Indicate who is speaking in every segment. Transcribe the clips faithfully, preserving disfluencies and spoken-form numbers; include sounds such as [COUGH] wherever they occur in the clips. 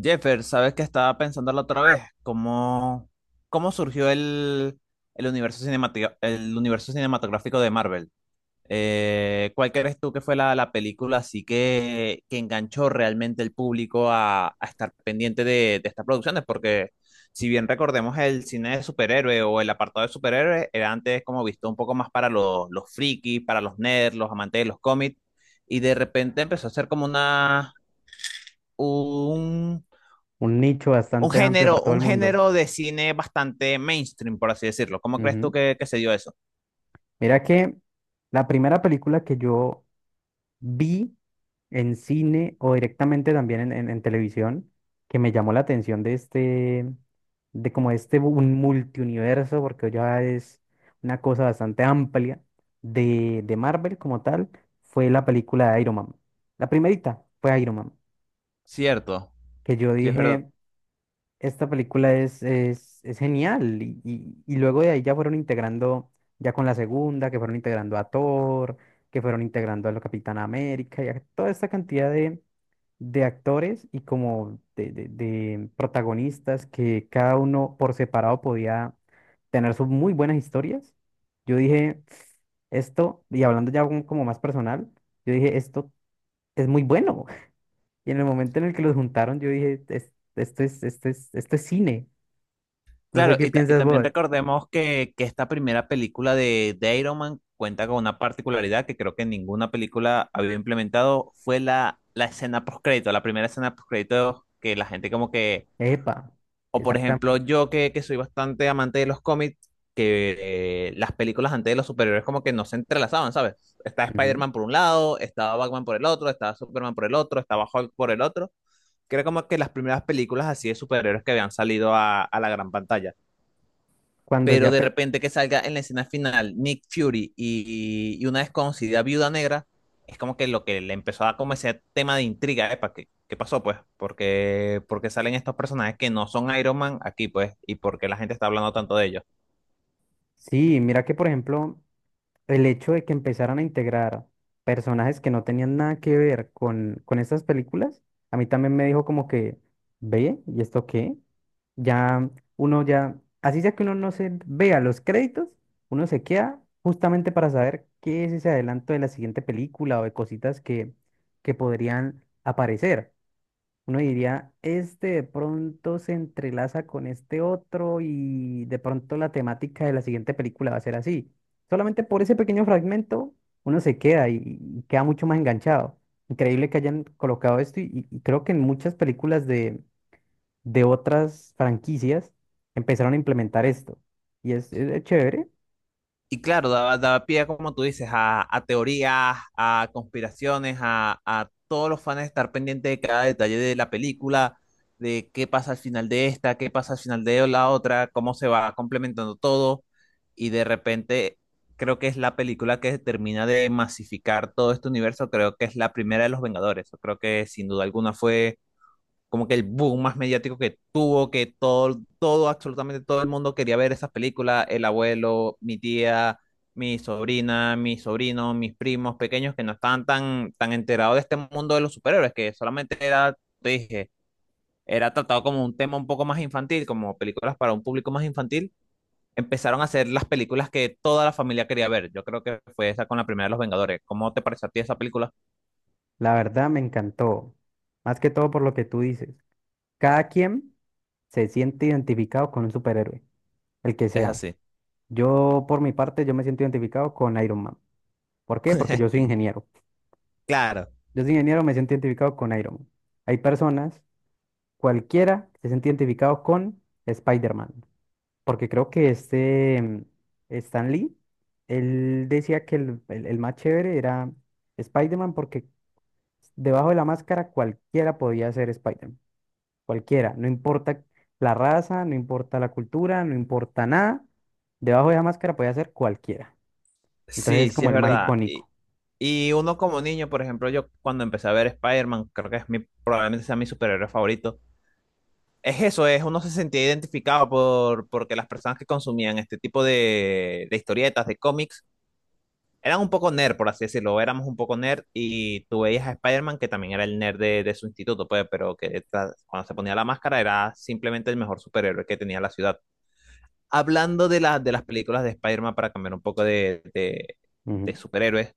Speaker 1: Jeffer, sabes que estaba pensando la otra vez cómo, cómo surgió el, el universo cinemati- el universo cinematográfico de Marvel. Eh, ¿cuál crees tú que fue la, la película así que, que enganchó realmente el público a, a estar pendiente de, de estas producciones? Porque si bien recordemos el cine de superhéroe o el apartado de superhéroes, era antes como visto un poco más para los, los frikis, para los nerds, los amantes de los cómics, y de repente empezó a ser como una... un
Speaker 2: Un nicho
Speaker 1: un
Speaker 2: bastante amplio
Speaker 1: género,
Speaker 2: para todo el
Speaker 1: un
Speaker 2: mundo.
Speaker 1: género de cine bastante mainstream, por así decirlo. ¿Cómo crees tú
Speaker 2: Ujú.
Speaker 1: que, que se dio eso?
Speaker 2: Mira que la primera película que yo vi en cine o directamente también en, en- en televisión que me llamó la atención de este, de como este bu- un multiuniverso, porque ya es una cosa bastante amplia de, de Marvel como tal, fue la película de Iron Man. La primerita fue Iron Man,
Speaker 1: Cierto,
Speaker 2: que yo
Speaker 1: sí es verdad.
Speaker 2: dije. Esta película es, es, es genial y, y- y luego de ahí ya fueron integrando, ya con la segunda, que fueron integrando a Thor, que fueron integrando a la Capitana América y a toda esta cantidad de, de actores y como de, de- de protagonistas que cada uno por separado podía tener sus muy buenas historias. Yo dije, esto, y hablando ya como como más personal, yo dije, esto es muy bueno. [LAUGHS] Y en el momento en el que los juntaron, yo dije, "Es- esto es, esto es, esto es cine. No sé
Speaker 1: Claro,
Speaker 2: qué
Speaker 1: y, ta- y
Speaker 2: piensas
Speaker 1: también
Speaker 2: vos.
Speaker 1: recordemos que, que esta primera película de, de Iron Man cuenta con una particularidad que creo que ninguna película había implementado, fue la, la escena postcrédito, la primera escena postcrédito que la gente como que.
Speaker 2: Epa,
Speaker 1: O por
Speaker 2: exactamente.
Speaker 1: ejemplo, yo que, que soy bastante amante de los cómics, que eh, las películas antes de los superhéroes como que no se entrelazaban, ¿sabes? Estaba
Speaker 2: Ujú.
Speaker 1: Spider-Man por un lado, estaba Batman por el otro, estaba Superman por el otro, estaba Hulk por el otro, que era como que las primeras películas así de superhéroes que habían salido a, a la gran pantalla,
Speaker 2: Cuando
Speaker 1: pero
Speaker 2: ya...
Speaker 1: de
Speaker 2: pe-
Speaker 1: repente que salga en la escena final Nick Fury y, y una desconocida viuda negra, es como que lo que le empezó a dar como ese tema de intriga, ¿eh? ¿Qué, ¿Qué pasó, pues? Porque, porque salen estos personajes que no son Iron Man aquí, pues, y porque la gente está hablando tanto de ellos.
Speaker 2: Sí, mira que por ejemplo, el hecho de que empezaran a integrar personajes que no tenían nada que ver con, con estas películas, a mí también me dijo como que, ve, ¿y esto qué? Ya uno ya, así sea que uno no se vea los créditos, uno se queda justamente para saber qué es ese adelanto de la siguiente película o de cositas que, que podrían aparecer. Uno diría, este de pronto se entrelaza con este otro y de pronto la temática de la siguiente película va a ser así. Solamente por ese pequeño fragmento uno se queda y, y queda mucho más enganchado. Increíble que hayan colocado esto y, y- y creo que en muchas películas de, de otras franquicias empezaron a implementar esto. Y es, es chévere,
Speaker 1: Y claro, daba, daba pie, como tú dices, a, a teorías, a conspiraciones, a, a todos los fans estar pendientes de cada detalle de la película, de qué pasa al final de esta, qué pasa al final de la otra, cómo se va complementando todo. Y de repente, creo que es la película que termina de masificar todo este universo. Creo que es la primera de los Vengadores. Creo que sin duda alguna fue como que el boom más mediático que tuvo, que todo, todo, absolutamente todo el mundo quería ver esas películas, el abuelo, mi tía, mi sobrina, mis sobrinos, mis primos pequeños que no estaban tan, tan enterados de este mundo de los superhéroes, que solamente era, te dije, era tratado como un tema un poco más infantil, como películas para un público más infantil, empezaron a hacer las películas que toda la familia quería ver. Yo creo que fue esa con la primera de Los Vengadores. ¿Cómo te pareció a ti esa película?
Speaker 2: la verdad me encantó. Más que todo por lo que tú dices. Cada quien se siente identificado con un superhéroe, el que
Speaker 1: Es
Speaker 2: sea.
Speaker 1: así.
Speaker 2: Yo, por mi parte, yo me siento identificado con Iron Man. ¿Por qué? Porque yo soy
Speaker 1: [LAUGHS]
Speaker 2: ingeniero.
Speaker 1: Claro.
Speaker 2: Yo soy ingeniero, me siento identificado con Iron Man. Hay personas, cualquiera, que se siente identificado con Spider-Man. Porque creo que este mm, Stan Lee, él decía que el, el- el más chévere era Spider-Man porque debajo de la máscara cualquiera podía ser Spider-Man. Cualquiera. No importa la raza, no importa la cultura, no importa nada. Debajo de la máscara podía ser cualquiera. Entonces
Speaker 1: Sí,
Speaker 2: es
Speaker 1: sí
Speaker 2: como
Speaker 1: es
Speaker 2: el más
Speaker 1: verdad.
Speaker 2: icónico.
Speaker 1: Y uno como niño, por ejemplo, yo cuando empecé a ver Spider-Man, creo que es mi, probablemente sea mi superhéroe favorito. Es eso, es uno se sentía identificado por, porque las personas que consumían este tipo de, de historietas, de cómics, eran un poco nerd, por así decirlo, éramos un poco nerd y tú veías a Spider-Man que también era el nerd de, de su instituto, pues, pero que tra- cuando se ponía la máscara era simplemente el mejor superhéroe que tenía la ciudad. Hablando de, la- de las películas de Spider-Man para cambiar un poco de, de, de
Speaker 2: Ujú.
Speaker 1: superhéroes,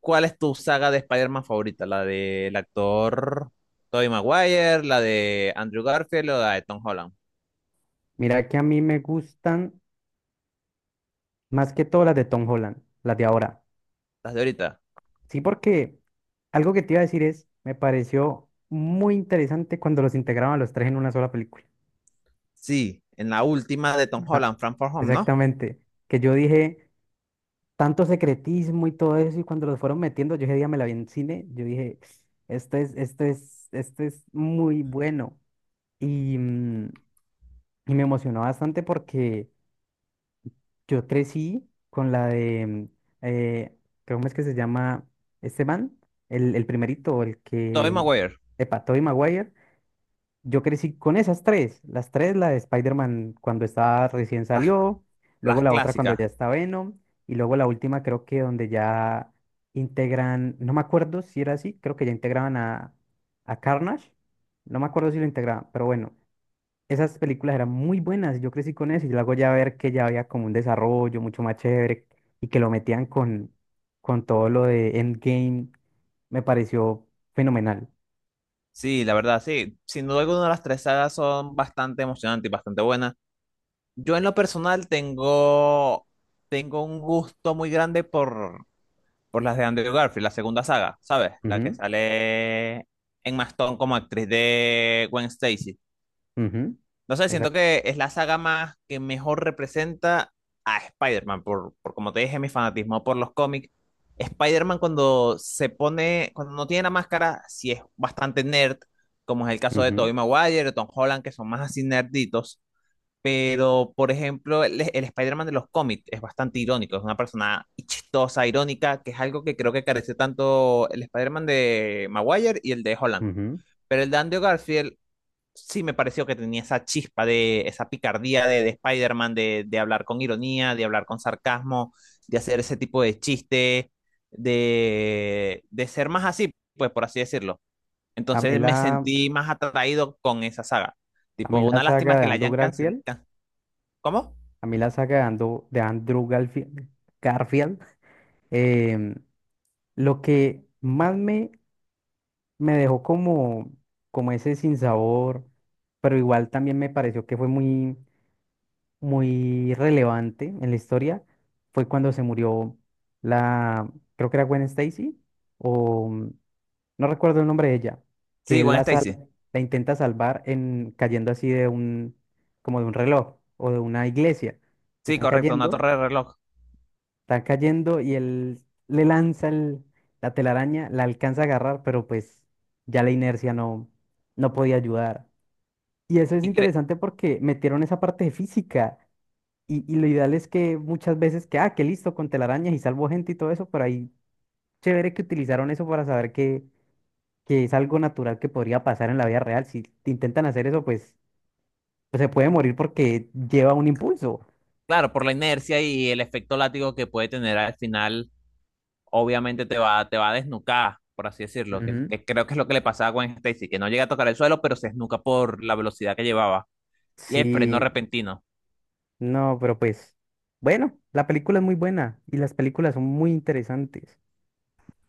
Speaker 1: ¿cuál es tu saga de Spider-Man favorita? ¿La del actor Tobey Maguire, la de Andrew Garfield o la de Tom Holland?
Speaker 2: Mira que a mí me gustan más que todas las de Tom Holland, las de ahora.
Speaker 1: ¿Las de ahorita?
Speaker 2: Sí, porque algo que te iba a decir es, me pareció muy interesante cuando los integraban los tres en una sola película.
Speaker 1: Sí, en la última de Tom
Speaker 2: Ajá,
Speaker 1: Holland, Frank for Home, ¿no?
Speaker 2: exactamente. Que yo dije, tanto secretismo y todo eso, y cuando los fueron metiendo, yo ese día me la vi en cine, yo dije, esto es, esto es, esto es muy bueno. Y, mm, y me emocionó bastante porque... Yo crecí con la de, eh, ¿cómo es que se llama Esteban, El, el primerito, el
Speaker 1: Tobey
Speaker 2: que,
Speaker 1: Maguire,
Speaker 2: Epa, Tobey Maguire. Yo crecí con esas tres, las tres, la de Spider-Man cuando estaba recién
Speaker 1: las,
Speaker 2: salió, luego
Speaker 1: las
Speaker 2: la otra cuando
Speaker 1: clásicas.
Speaker 2: ya está Venom, y luego la última creo que donde ya integran, no me acuerdo si era así, creo que ya integraban a, a Carnage, no me acuerdo si lo integraban, pero bueno, esas películas eran muy buenas, yo crecí con eso y luego ya ver que ya había como un desarrollo mucho más chévere y que lo metían con, con todo lo de Endgame, me pareció fenomenal.
Speaker 1: Sí, la verdad, sí. Sin duda alguna, las tres sagas son bastante emocionantes y bastante buenas. Yo en lo personal tengo, tengo un gusto muy grande por, por las de Andrew Garfield, la segunda saga, ¿sabes? La que
Speaker 2: Ujú,
Speaker 1: sale en Stone como actriz de Gwen Stacy.
Speaker 2: ujú,
Speaker 1: No sé, siento
Speaker 2: exacto
Speaker 1: que es la saga más que mejor representa a Spider-Man, por, por como te dije, mi fanatismo por los cómics. Spider-Man cuando se pone, cuando no tiene la máscara, sí es bastante nerd, como es el caso de
Speaker 2: ujú,
Speaker 1: Tobey Maguire, de Tom Holland, que son más así nerditos, pero por ejemplo, el, el Spider-Man de los cómics es bastante irónico, es una persona chistosa, irónica, que es algo que creo que carece tanto el Spider-Man de Maguire y el de Holland.
Speaker 2: ujú.
Speaker 1: Pero el de Andrew Garfield sí me pareció que tenía esa chispa de esa picardía de, de Spider-Man, de, de hablar con ironía, de hablar con sarcasmo, de hacer ese tipo de chiste, de, de ser más así, pues por así decirlo.
Speaker 2: A mí
Speaker 1: Entonces me
Speaker 2: la,
Speaker 1: sentí más atraído con esa saga.
Speaker 2: a
Speaker 1: Tipo,
Speaker 2: mí la
Speaker 1: una
Speaker 2: saga
Speaker 1: lástima
Speaker 2: de
Speaker 1: que la
Speaker 2: Andrew
Speaker 1: hayan
Speaker 2: Garfield,
Speaker 1: cancelado. ¿Cómo?
Speaker 2: a mí la saga de Andrew, de Andrew Garfield, Garfield, em, lo que más me, me dejó como, como ese sinsabor, pero igual también me pareció que fue muy muy relevante en la historia fue cuando se murió la, creo que era Gwen Stacy, o mm, no recuerdo el nombre de ella, que
Speaker 1: Sí,
Speaker 2: él
Speaker 1: Gwen
Speaker 2: la, sal-
Speaker 1: Stacy.
Speaker 2: la intenta salvar en cayendo así de un, como de un reloj o de una iglesia, que
Speaker 1: Sí,
Speaker 2: están
Speaker 1: correcto, una
Speaker 2: cayendo,
Speaker 1: torre de reloj.
Speaker 2: están cayendo y él le lanza el- la telaraña, la alcanza a agarrar, pero pues ya la inercia no, no podía ayudar. Y eso es
Speaker 1: Y cre-
Speaker 2: interesante porque metieron esa parte de física. Y, y lo ideal es que muchas veces que, ah, que listo, con telarañas y salvo gente y todo eso, pero ahí chévere que utilizaron eso para saber que, que es algo natural que podría pasar en la vida real. Si intentan hacer eso, pues, pues se puede morir porque lleva un impulso.
Speaker 1: claro, por la inercia y el efecto látigo que puede tener al final, obviamente te va, te va a desnucar, por así decirlo, que,
Speaker 2: Ujú.
Speaker 1: que creo que es lo que le pasaba a Gwen Stacy, que no llega a tocar el suelo, pero se esnuca por la velocidad que llevaba y el freno
Speaker 2: Sí,
Speaker 1: repentino.
Speaker 2: no, pero pues, bueno, la película es muy buena y las películas son muy interesantes.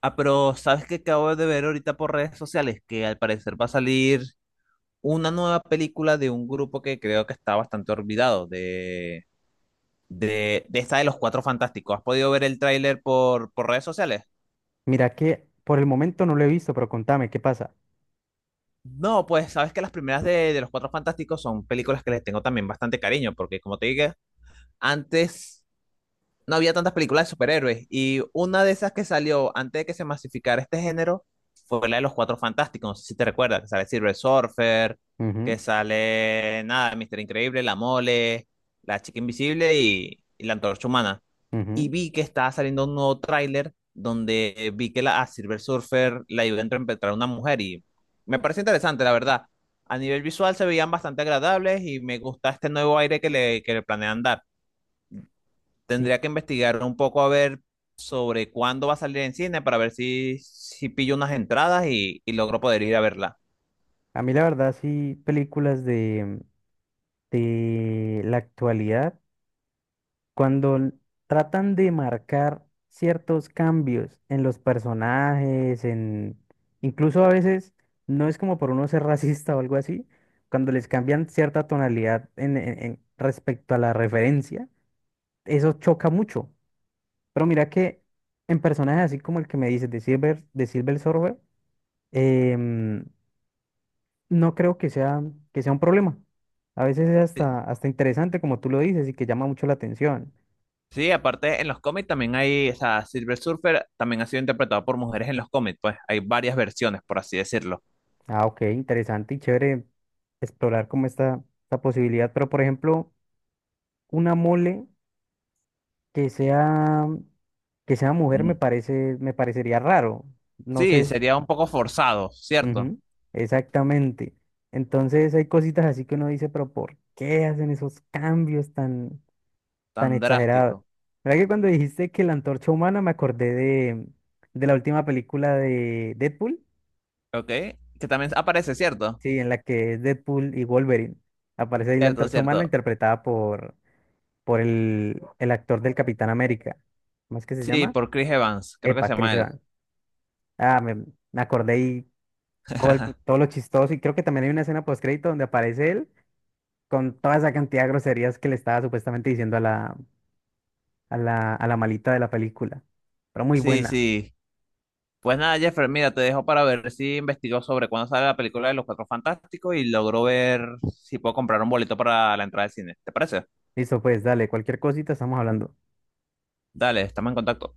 Speaker 1: Ah, pero ¿sabes qué acabo de ver ahorita por redes sociales? Que al parecer va a salir una nueva película de un grupo que creo que está bastante olvidado, de, de, de esta de los Cuatro Fantásticos. ¿Has podido ver el tráiler por, por redes sociales?
Speaker 2: Mira que por el momento no lo he visto, pero contame, ¿qué pasa?
Speaker 1: No, pues sabes que las primeras de, de Los Cuatro Fantásticos son películas que les tengo también bastante cariño, porque como te dije, antes no había tantas películas de superhéroes. Y una de esas que salió antes de que se masificara este género fue la de los Cuatro Fantásticos. No sé si te recuerdas, que sale Silver Surfer, que
Speaker 2: Ujú,
Speaker 1: sale, nada, Mister Increíble, La Mole, La Chica Invisible y, y La Antorcha Humana. Y
Speaker 2: ujú.
Speaker 1: vi que estaba saliendo un nuevo tráiler donde eh, vi que la, a Silver Surfer la ayudó a interpretar a una mujer y me parece interesante, la verdad. A nivel visual se veían bastante agradables y me gusta este nuevo aire que le, que le planean dar.
Speaker 2: Sí,
Speaker 1: Tendría que investigar un poco a ver sobre cuándo va a salir en cine para ver si, si pillo unas entradas y, y logro poder ir a verla.
Speaker 2: a mí la verdad sí, películas de, de la actualidad. cuando l- Tratan de marcar ciertos cambios en los personajes, en incluso a veces no es como por uno ser [LAUGHS] racista o algo así, cuando les cambian cierta tonalidad en, en- en respecto a la referencia, eso choca mucho. Pero mira que en personajes así como el que me dices de Silver, de Silver Surfer, em, no creo que sea, que sea un problema. A veces es
Speaker 1: Sí,
Speaker 2: hasta, hasta interesante, como tú lo dices, y que llama mucho la atención.
Speaker 1: sí, aparte en los cómics también hay, o sea, Silver Surfer también ha sido interpretado por mujeres en los cómics, pues hay varias versiones, por así decirlo.
Speaker 2: Ah, ok, interesante y chévere explorar como esta, esta posibilidad. Pero, por ejemplo, una mole que sea, que sea mujer
Speaker 1: Mm.
Speaker 2: me parece, me parecería raro. No sé,
Speaker 1: Sí,
Speaker 2: s-
Speaker 1: sería un poco forzado, ¿cierto?
Speaker 2: ujú, exactamente. Entonces hay cositas así que uno dice, pero ¿por qué hacen esos cambios tan, tan
Speaker 1: Tan drástico.
Speaker 2: exagerados? ¿Verdad que cuando dijiste que la antorcha humana me acordé de, de la última película de Deadpool?
Speaker 1: Ok, que también aparece, ¿cierto?
Speaker 2: Sí, en la que es Deadpool y Wolverine. Aparece ahí la
Speaker 1: Cierto,
Speaker 2: antorcha humana
Speaker 1: cierto.
Speaker 2: interpretada por, por el, el actor del Capitán América. ¿Cómo es que se
Speaker 1: Sí,
Speaker 2: llama?
Speaker 1: por Chris Evans, creo que se
Speaker 2: Epa,
Speaker 1: llama
Speaker 2: Chris
Speaker 1: él.
Speaker 2: Evans. Ah, me, me acordé y todo, el- todo lo chistoso. Y creo que también hay una escena postcrédito donde aparece él con toda esa cantidad de groserías que le estaba supuestamente diciendo a la, a la, a la malita de la película. Pero muy
Speaker 1: Sí,
Speaker 2: buena.
Speaker 1: sí. Pues nada, Jeffer, mira, te dejo para ver si investigó sobre cuándo sale la película de Los Cuatro Fantásticos y logró ver si puedo comprar un boleto para la entrada al cine. ¿Te parece?
Speaker 2: Listo, pues dale, cualquier cosita estamos hablando.
Speaker 1: Dale, estamos en contacto.